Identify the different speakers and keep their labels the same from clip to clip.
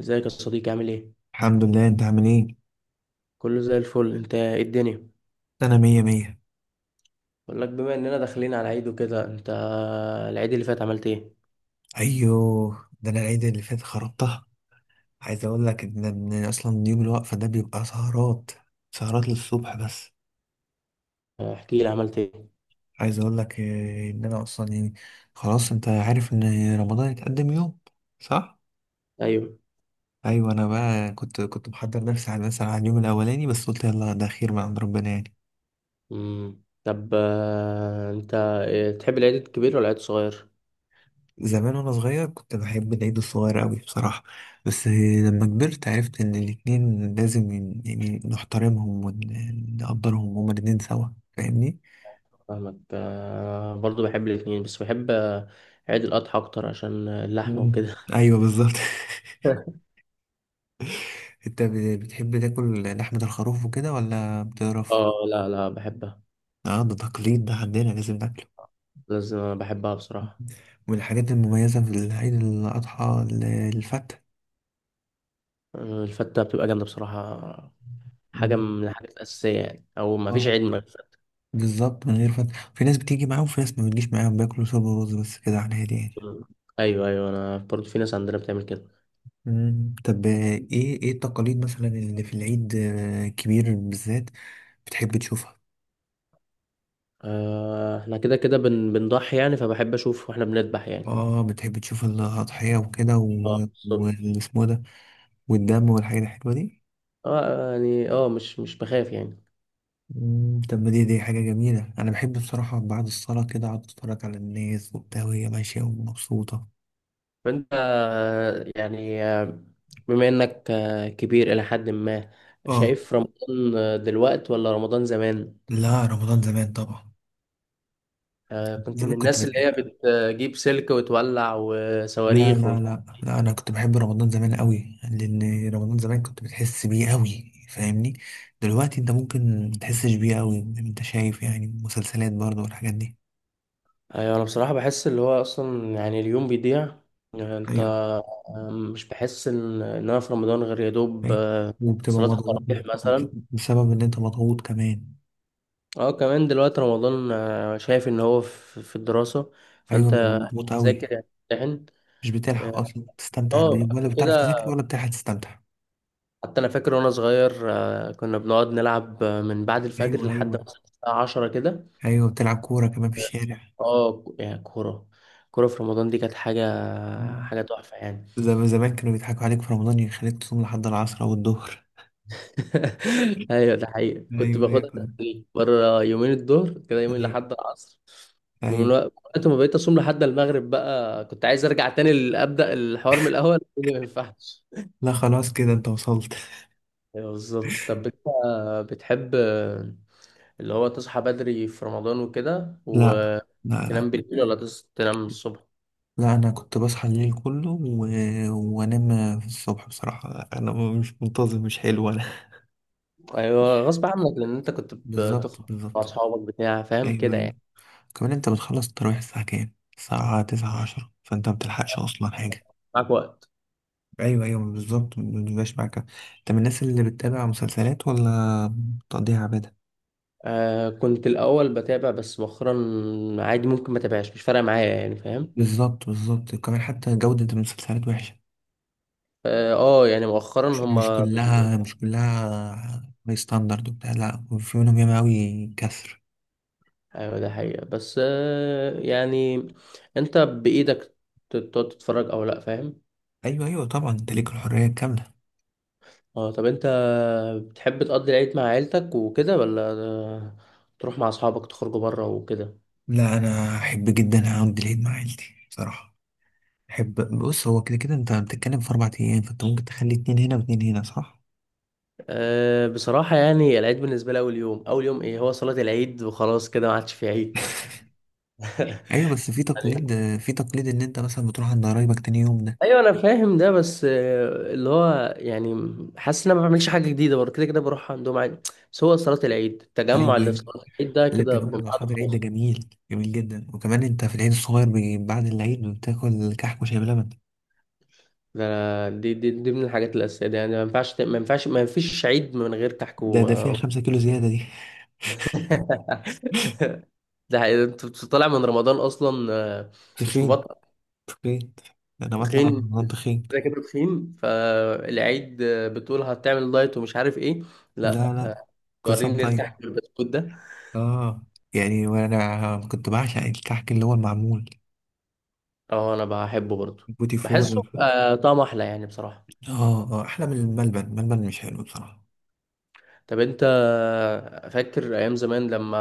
Speaker 1: ازيك يا صديقي، عامل ايه؟
Speaker 2: الحمد لله، انت عامل ايه؟
Speaker 1: كله زي الفل. انت ايه الدنيا؟
Speaker 2: انا مية مية.
Speaker 1: بقول لك، بما اننا داخلين على عيد وكده، انت العيد اللي فات عملت ايه؟
Speaker 2: ايوه، ده انا العيد اللي فات خربتها. عايز اقول لك إن اصلا يوم الوقفة ده بيبقى سهرات سهرات للصبح بس.
Speaker 1: احكي لي، عملت ايه؟
Speaker 2: عايز اقول لك ان انا اصلا يعني خلاص، انت عارف ان رمضان يتقدم يوم، صح؟
Speaker 1: ايوه.
Speaker 2: ايوه، انا بقى كنت محضر نفسي مثلا على اليوم الاولاني، بس قلت يلا ده خير من عند ربنا يعني.
Speaker 1: طب انت إيه، تحب العيد الكبير ولا العيد الصغير؟
Speaker 2: زمان وانا صغير كنت بحب العيد الصغير قوي بصراحة، بس لما كبرت عرفت ان الاتنين لازم يعني نحترمهم ونقدرهم هما الاتنين سوا، فاهمني.
Speaker 1: فاهمك. برضو بحب الاثنين، بس بحب عيد الاضحى اكتر عشان اللحمه
Speaker 2: مم.
Speaker 1: وكده.
Speaker 2: ايوه بالظبط. انت بتحب تاكل لحمة الخروف وكده ولا بتقرف؟
Speaker 1: اه، لا لا بحبها.
Speaker 2: اه، ده تقليد ده عندنا، لازم ناكله.
Speaker 1: لازم بحبها بصراحه.
Speaker 2: من الحاجات المميزة في العيد الأضحى الفتة.
Speaker 1: الفته بتبقى جامده بصراحه، حاجه
Speaker 2: مم.
Speaker 1: من الحاجات الاساسيه يعني، او ما فيش
Speaker 2: اه
Speaker 1: عيد.
Speaker 2: بالظبط، من غير فتة. في ناس بتيجي معاهم وفي ناس ما بتجيش معاهم، بياكلوا صوب ورز بس، كده على الهادي يعني.
Speaker 1: مم. ايوه ايوه، انا برضو في ناس عندنا بتعمل كده.
Speaker 2: مم. طب ايه التقاليد مثلا اللي في العيد كبير بالذات بتحب تشوفها؟
Speaker 1: آه احنا كده كده بنضحي يعني، فبحب اشوف واحنا بنذبح يعني.
Speaker 2: اه، بتحب تشوف الأضحية وكده
Speaker 1: اه بالظبط.
Speaker 2: والاسمه ده، والدم والحاجات الحلوة دي.
Speaker 1: اه يعني، اه مش بخاف يعني.
Speaker 2: مم. طب ما دي حاجة جميلة، أنا بحب بصراحة بعد الصلاة كده أقعد أتفرج على الناس وبتاع، وهي ماشية ومبسوطة.
Speaker 1: فانت، بما انك كبير الى حد ما،
Speaker 2: اه،
Speaker 1: شايف رمضان دلوقت ولا رمضان زمان؟
Speaker 2: لا رمضان زمان طبعا.
Speaker 1: آه كنت من
Speaker 2: زمان كنت
Speaker 1: الناس اللي
Speaker 2: بتحب.
Speaker 1: هي بتجيب سلك وتولع
Speaker 2: لا
Speaker 1: وصواريخ.
Speaker 2: لا لا لا، انا كنت بحب رمضان زمان قوي، لان رمضان زمان كنت بتحس بيه قوي، فاهمني؟ دلوقتي انت ممكن متحسش بيه قوي، انت شايف يعني مسلسلات برضه والحاجات دي.
Speaker 1: ايوه انا بصراحه بحس اللي هو اصلا يعني اليوم بيضيع. يعني انت،
Speaker 2: ايوه،
Speaker 1: مش بحس ان انا في رمضان غير يا دوب
Speaker 2: فاهم؟ وبتبقى
Speaker 1: صلاه
Speaker 2: مضغوط
Speaker 1: التراويح مثلا.
Speaker 2: بسبب ان انت مضغوط كمان.
Speaker 1: اه كمان دلوقتي رمضان، شايف ان هو في الدراسه،
Speaker 2: ايوه بتبقى
Speaker 1: فانت
Speaker 2: مضغوط قوي،
Speaker 1: تذاكر يعني تمتحن.
Speaker 2: مش بتلحق
Speaker 1: اه،
Speaker 2: اصلا تستمتع بيه، ولا
Speaker 1: قبل
Speaker 2: بتعرف
Speaker 1: كده
Speaker 2: تذاكر ولا بتلحق تستمتع.
Speaker 1: حتى انا فاكر وانا صغير، كنا بنقعد نلعب من بعد
Speaker 2: ايوه
Speaker 1: الفجر لحد
Speaker 2: ايوه.
Speaker 1: مثلا الساعه 10 كده.
Speaker 2: ايوه، بتلعب كوره كمان في الشارع.
Speaker 1: اه يعني كوره، كوره في رمضان دي كانت حاجه،
Speaker 2: مم.
Speaker 1: حاجه تحفه يعني.
Speaker 2: زمان كانوا بيضحكوا عليك في رمضان، يخليك تصوم لحد العصر او الظهر.
Speaker 1: ايوه ده حقيقي، كنت
Speaker 2: ايوه ايوه
Speaker 1: باخدها
Speaker 2: كنت-
Speaker 1: تدريج بره، يومين الظهر كده، يومين
Speaker 2: ايوه
Speaker 1: لحد العصر. ومن
Speaker 2: ايوه.
Speaker 1: وقت ما بقيت اصوم لحد المغرب بقى كنت عايز ارجع تاني، ابدا الحوار من الاول. قلت لي ما ينفعش.
Speaker 2: لا خلاص كده انت وصلت.
Speaker 1: ايوه بالظبط. طب انت بتحب اللي هو تصحى بدري في رمضان وكده
Speaker 2: لا لا لا
Speaker 1: وتنام بالليل، ولا تنام الصبح؟
Speaker 2: لا، انا كنت بصحى الليل كله وانام في الصبح، بصراحه انا مش منتظم، مش حلو انا.
Speaker 1: ايوه غصب عنك لان انت كنت
Speaker 2: بالظبط
Speaker 1: بتخرج مع
Speaker 2: بالظبط.
Speaker 1: اصحابك بتاع فاهم
Speaker 2: ايوه
Speaker 1: كده
Speaker 2: ايوه،
Speaker 1: يعني.
Speaker 2: كمان انت بتخلص التراويح الساعه كام؟ الساعه 9 10، فانت ما بتلحقش اصلا حاجه.
Speaker 1: معاك وقت.
Speaker 2: ايوه ايوه بالظبط، ما بيبقاش معاك. انت من الناس اللي بتتابع مسلسلات ولا بتقضيها عباده؟
Speaker 1: آه كنت الأول بتابع، بس مؤخرا عادي، ممكن ما تابعش، مش فارقة معايا يعني، فاهم.
Speaker 2: بالظبط بالظبط، كمان حتى جوده المسلسلات وحشه.
Speaker 1: اه يعني مؤخرا
Speaker 2: مش
Speaker 1: هما
Speaker 2: كلها هاي ستاندرد وبتاع، لا، وفي منهم ياما أوي كسر.
Speaker 1: ايوه ده حقيقة، بس آه يعني انت بإيدك، تقعد تتفرج او لا، فاهم.
Speaker 2: أيوه أيوه طبعا، أنت ليك الحرية الكاملة.
Speaker 1: اه. طب انت بتحب تقضي العيد مع عيلتك وكده، ولا تروح مع اصحابك تخرجوا بره وكده؟
Speaker 2: لا، أنا أحب جدا أقضي العيد مع عيلتي بصراحة. أحب. بص، هو كده كده أنت بتتكلم في 4 أيام، فأنت ممكن تخلي اتنين هنا واتنين هنا، صح؟
Speaker 1: أه بصراحة يعني، العيد بالنسبة لي أول يوم، أول يوم إيه هو صلاة العيد، وخلاص كده ما عادش في عيد.
Speaker 2: أيوه، بس في
Speaker 1: يعني
Speaker 2: تقليد، إن أنت مثلا بتروح عند قرايبك تاني يوم ده.
Speaker 1: ايوه انا فاهم ده، بس اللي هو يعني حاسس ان انا ما بعملش حاجه جديده، برضه كده كده بروح عندهم عادي. بس هو صلاه العيد، التجمع
Speaker 2: أيوه
Speaker 1: اللي في
Speaker 2: أيوه.
Speaker 1: صلاه العيد ده
Speaker 2: اللي
Speaker 1: كده
Speaker 2: التجمع مع
Speaker 1: بميعاد
Speaker 2: أصحاب العيد ده
Speaker 1: خاص.
Speaker 2: جميل جميل جدا، وكمان أنت في العيد الصغير بعد العيد بتاكل كحك وشاي بلبن.
Speaker 1: ده دي, دي من الحاجات الاساسيه دي يعني، ما ينفعش ما ينفعش، ما فيش عيد من غير كحك
Speaker 2: ده
Speaker 1: و...
Speaker 2: ده فيها 5 كيلو زيادة دي.
Speaker 1: ده حقيقي. انت طالع من رمضان اصلا مش
Speaker 2: تخين
Speaker 1: مبطل.
Speaker 2: تخين، انا بطلع من
Speaker 1: تخين،
Speaker 2: رمضان تخين.
Speaker 1: كده كده تخين، فالعيد بتقول هتعمل دايت ومش عارف ايه.
Speaker 2: لا
Speaker 1: لا
Speaker 2: لا، قسم
Speaker 1: وريني
Speaker 2: طيب.
Speaker 1: الكحك والبسكوت ده.
Speaker 2: اه يعني، وانا كنت بعشق الكحك اللي هو المعمول،
Speaker 1: اه انا بحبه برضه،
Speaker 2: بوتي فور.
Speaker 1: بحسه آه طعمه احلى يعني بصراحه.
Speaker 2: اه اه، احلى من الملبن. الملبن مش حلو بصراحه.
Speaker 1: طب انت فاكر ايام زمان لما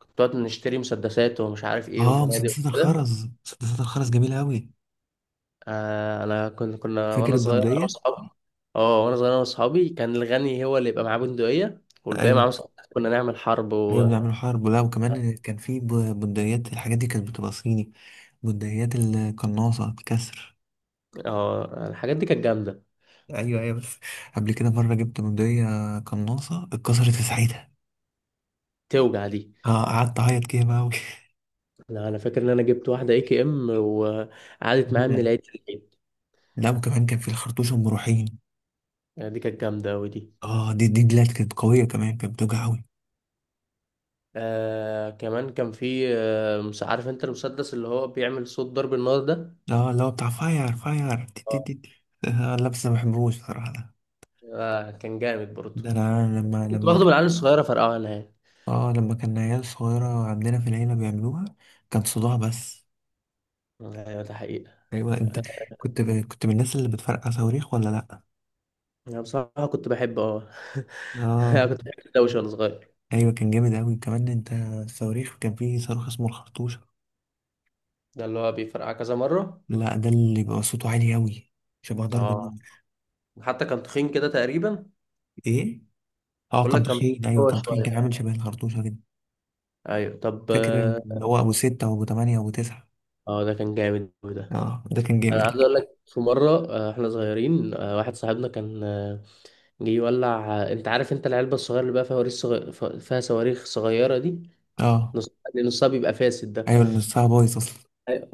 Speaker 1: كنت نقعد نشتري مسدسات ومش عارف ايه
Speaker 2: اه،
Speaker 1: وبنادق
Speaker 2: مسدسات
Speaker 1: وكده؟
Speaker 2: الخرز، مسدسات الخرز جميله قوي.
Speaker 1: آه انا كنا
Speaker 2: فاكر
Speaker 1: وانا صغير انا
Speaker 2: البندقيه؟
Speaker 1: واصحابي. اه وانا صغير انا واصحابي، كان الغني هو اللي يبقى معاه بندقيه والباقي
Speaker 2: ايوه
Speaker 1: معاه مسدسات، كنا نعمل حرب.
Speaker 2: ايوه،
Speaker 1: و
Speaker 2: بنعمل حرب، ولا وكمان كان في بندقيات. الحاجات دي كانت بتبقى صيني، بندقيات القناصه الكسر.
Speaker 1: اه الحاجات دي كانت جامده.
Speaker 2: ايوه ايوه بس، قبل كده مره جبت بندقيه قناصه، اتكسرت في ساعتها.
Speaker 1: توجع دي.
Speaker 2: اه قعدت اعيط كده بقى
Speaker 1: لا انا فاكر ان انا جبت واحده اي كي ام وقعدت معايا من العيد للعيد.
Speaker 2: لا وكمان كان في الخرطوش ام روحين.
Speaker 1: يعني دي كانت جامده، ودي
Speaker 2: اه، دي دلات كانت قويه، كمان كانت بتوجع قوي.
Speaker 1: آه كمان كان في آه، مش عارف انت المسدس اللي هو بيعمل صوت ضرب النار ده؟
Speaker 2: اه، اللي هو بتاع فاير فاير، دي دي
Speaker 1: آه.
Speaker 2: دي دي. آه لا، بس ما بحبوش صراحه ده.
Speaker 1: آه كان جامد برضه،
Speaker 2: ده انا لما
Speaker 1: كنت
Speaker 2: لما
Speaker 1: باخده من
Speaker 2: ك-
Speaker 1: العيال الصغيرة فرقعه انا يعني.
Speaker 2: اه لما كان عيال صغيره عندنا في العيله بيعملوها، كان صداع بس.
Speaker 1: ايوه ده حقيقة.
Speaker 2: ايوه انت،
Speaker 1: آه،
Speaker 2: كنت ب... كنت من الناس اللي بتفرقع صواريخ ولا لا؟
Speaker 1: انا بصراحة كنت بحب اه. أنا
Speaker 2: اه
Speaker 1: كنت بحب الدوشة وانا صغير.
Speaker 2: ايوه كان جامد قوي، كمان انت الصواريخ، كان فيه صاروخ اسمه الخرطوشه.
Speaker 1: ده اللي هو بيفرقع كذا مرة.
Speaker 2: لا، ده اللي بيبقى صوته عالي قوي، شبه ضرب
Speaker 1: اه
Speaker 2: النار.
Speaker 1: حتى كان تخين كده تقريبا.
Speaker 2: ايه؟ اه
Speaker 1: بقول
Speaker 2: كان
Speaker 1: لك، كان
Speaker 2: تخين، ايوه
Speaker 1: هو
Speaker 2: كان تخين، كان
Speaker 1: شوية.
Speaker 2: عامل شبه الخرطوشة كده.
Speaker 1: ايوه. طب
Speaker 2: فاكر
Speaker 1: اه
Speaker 2: اللي هو ابو ستة وابو تمانية وابو تسعة؟
Speaker 1: ده كان جامد أوي ده.
Speaker 2: اه، ده كان جامد
Speaker 1: انا
Speaker 2: ده.
Speaker 1: عايز اقول لك، في مرة احنا صغيرين، واحد صاحبنا كان يولع. انت عارف انت العلبه الصغيره اللي بقى فيها فيها صواريخ صغيره دي،
Speaker 2: اه
Speaker 1: نص اللي نصها بيبقى فاسد ده.
Speaker 2: ايوه، اللي نصها بايظ اصلا.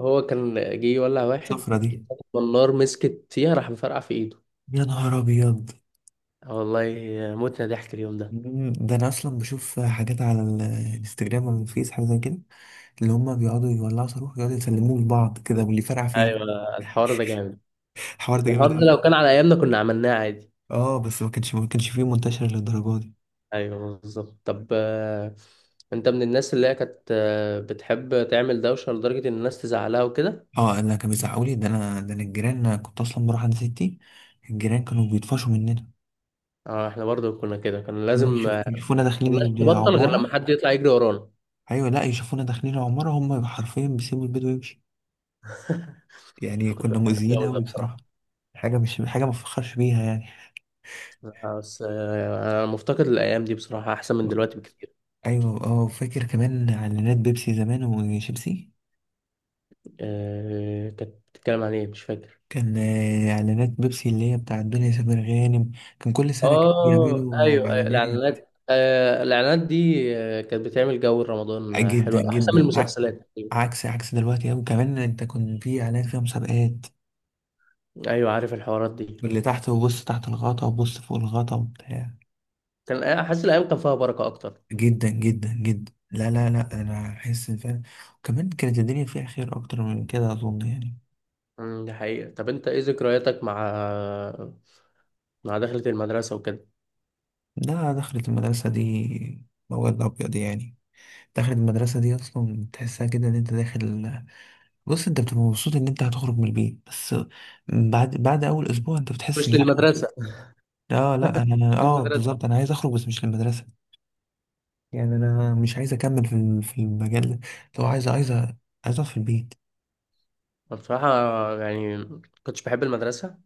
Speaker 1: هو كان جه يولع واحد،
Speaker 2: الشفرة دي.
Speaker 1: والنار مسكت فيها راح مفرقع في ايده.
Speaker 2: يا نهار ابيض.
Speaker 1: اه والله، متنا ضحك اليوم ده.
Speaker 2: ده انا اصلا بشوف حاجات على الانستجرام او الفيس، حاجه زي كده، اللي هم بيقعدوا يولعوا صاروخ، يقعدوا يسلموه لبعض كده، واللي فرقع فيه.
Speaker 1: ايوه الحوار ده جامد.
Speaker 2: الحوار ده جامد
Speaker 1: الحوار ده لو
Speaker 2: قوي.
Speaker 1: كان على ايامنا كنا عملناه عادي.
Speaker 2: اه بس، ما كانش فيه منتشر للدرجه دي.
Speaker 1: ايوه بالظبط. طب انت من الناس اللي هي كانت بتحب تعمل دوشه لدرجه ان الناس تزعلها وكده؟
Speaker 2: اه، انا كان بيزعقوا لي، ده انا الجيران. أنا كنت اصلا بروح عند ستي، الجيران كانوا بيطفشوا مننا.
Speaker 1: اه احنا برضه كنا كده، كان
Speaker 2: هم
Speaker 1: لازم ما
Speaker 2: يشوفونا
Speaker 1: كناش
Speaker 2: داخلين
Speaker 1: نبطل غير لما
Speaker 2: العمارة.
Speaker 1: حد يطلع يجري ورانا.
Speaker 2: أيوة لأ، يشوفونا داخلين العمارة، هم حرفيا بيسيبوا البيت ويمشي، يعني
Speaker 1: أنا كنت
Speaker 2: كنا
Speaker 1: بحب
Speaker 2: مؤذيين
Speaker 1: الجو
Speaker 2: أوي
Speaker 1: ده.
Speaker 2: بصراحة. حاجة، مش حاجة ما بفخرش بيها يعني.
Speaker 1: لا، بس انا مفتقد الايام دي بصراحه، احسن من دلوقتي بكتير.
Speaker 2: أيوة أه، فاكر كمان إعلانات بيبسي زمان وشيبسي؟
Speaker 1: كانت بتتكلم عن ايه؟ مش فاكر.
Speaker 2: كان إعلانات بيبسي اللي هي بتاعت دنيا سمير غانم، كان كل سنة كانوا
Speaker 1: اه
Speaker 2: بيعملوا
Speaker 1: ايوه ايوه،
Speaker 2: إعلانات.
Speaker 1: الاعلانات، الاعلانات دي كانت بتعمل جو رمضان حلو،
Speaker 2: جدا
Speaker 1: احسن من
Speaker 2: جدا،
Speaker 1: المسلسلات.
Speaker 2: عكس عكس دلوقتي أوي. كمان أنت كنت في إعلان فيها مسابقات،
Speaker 1: ايوه عارف الحوارات دي.
Speaker 2: واللي تحت، وبص تحت الغطا وبص فوق الغطا وبتاع.
Speaker 1: كان احس الايام كان فيها بركه اكتر.
Speaker 2: جدا جدا جدا، لا لا لا، انا احس إن فعلا وكمان كانت الدنيا فيها خير اكتر من كده، اظن يعني.
Speaker 1: دي حقيقه. طب انت ايه ذكرياتك مع مع دخلة المدرسه وكده؟
Speaker 2: ده دخلت المدرسه دي مواد ابيض يعني. دخلت المدرسه دي اصلا تحسها كده ان انت داخل. بص، انت بتبقى مبسوط ان انت هتخرج من البيت بس، بعد اول اسبوع انت بتحس ان
Speaker 1: مش
Speaker 2: لا.
Speaker 1: للمدرسه،
Speaker 2: اه لا،
Speaker 1: مش
Speaker 2: انا اه
Speaker 1: للمدرسه.
Speaker 2: بالظبط انا عايز اخرج، بس مش للمدرسه. يعني انا مش عايز اكمل في في المجال ده. لو عايز، عايز اقعد في البيت.
Speaker 1: أنا بصراحه يعني كنتش بحب المدرسه.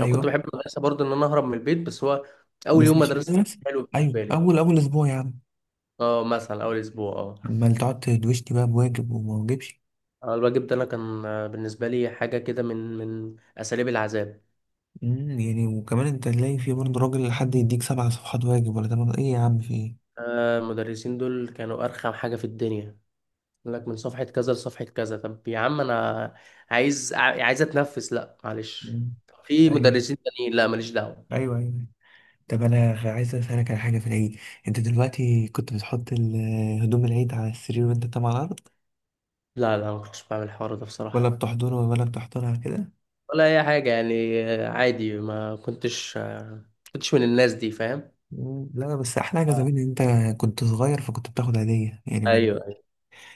Speaker 1: انا كنت بحب المدرسه برضو ان انا اهرب من البيت، بس هو اول
Speaker 2: بس
Speaker 1: يوم
Speaker 2: مش
Speaker 1: مدرسه كان
Speaker 2: للمدرسه.
Speaker 1: حلو
Speaker 2: ايوه،
Speaker 1: بالنسبه لي.
Speaker 2: اول اسبوع يا عم.
Speaker 1: اه مثلا اول اسبوع اه.
Speaker 2: امال تقعد تدوشني بقى بواجب وما واجبش؟
Speaker 1: الواجب ده انا كان بالنسبه لي حاجه كده من اساليب العذاب.
Speaker 2: يعني، وكمان انت تلاقي في برضه راجل حد يديك 7 صفحات واجب، ولا تمام ايه يا عم، في ايه؟
Speaker 1: المدرسين دول كانوا ارخم حاجه في الدنيا. يقول لك من صفحه كذا لصفحه كذا، طب يا عم انا عايز عايز اتنفس، لا معلش.
Speaker 2: مم.
Speaker 1: طب في
Speaker 2: ايوه
Speaker 1: مدرسين تانيين، لا ماليش دعوه.
Speaker 2: ايوه ايوه. طب انا عايز اسالك على حاجه في العيد. انت دلوقتي كنت بتحط هدوم العيد على السرير، وانت طبعا على الارض،
Speaker 1: لا لا، ما كنتش بعمل الحوار ده
Speaker 2: ولا
Speaker 1: بصراحه،
Speaker 2: بتحضرها، كده؟
Speaker 1: ولا اي حاجه يعني. عادي، ما كنتش كنتش من الناس دي، فاهم.
Speaker 2: مم. لا بس احلى حاجه
Speaker 1: آه،
Speaker 2: زمان، ان انت كنت صغير فكنت بتاخد هديه، يعني ما-
Speaker 1: ايوه.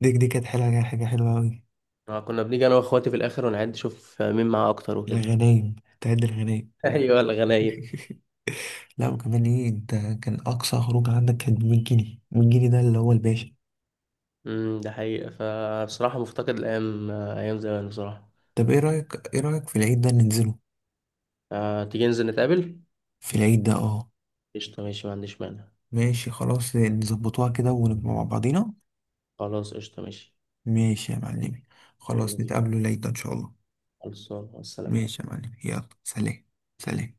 Speaker 2: دي كانت حلوه، حاجه حلوه قوي.
Speaker 1: كنا بنيجي انا واخواتي في الاخر ونعد نشوف مين معاه اكتر وكده.
Speaker 2: الغنايم، تعد الغنايم.
Speaker 1: ايوه الغنايب.
Speaker 2: لا وكمان ايه انت، كان اقصى خروج عندك كانت ب 100 جنيه. 100 جنيه ده اللي هو الباشا.
Speaker 1: ده حقيقة، فبصراحة مفتقد الايام ايام زمان بصراحة.
Speaker 2: طب ايه رايك، في العيد ده ننزله؟
Speaker 1: تيجي ننزل نتقابل.
Speaker 2: في العيد ده اه.
Speaker 1: قشطة ماشي، ما عنديش مانع.
Speaker 2: ماشي خلاص، نظبطوها كده ونبقى مع بعضينا.
Speaker 1: خلاص قشطة ماشي.
Speaker 2: ماشي يا معلمي.
Speaker 1: يلا
Speaker 2: خلاص،
Speaker 1: بينا،
Speaker 2: نتقابلوا العيد ده ان شاء الله.
Speaker 1: خلصان، مع السلامة.
Speaker 2: ماشي يا معلمي، يلا سلام. سلام.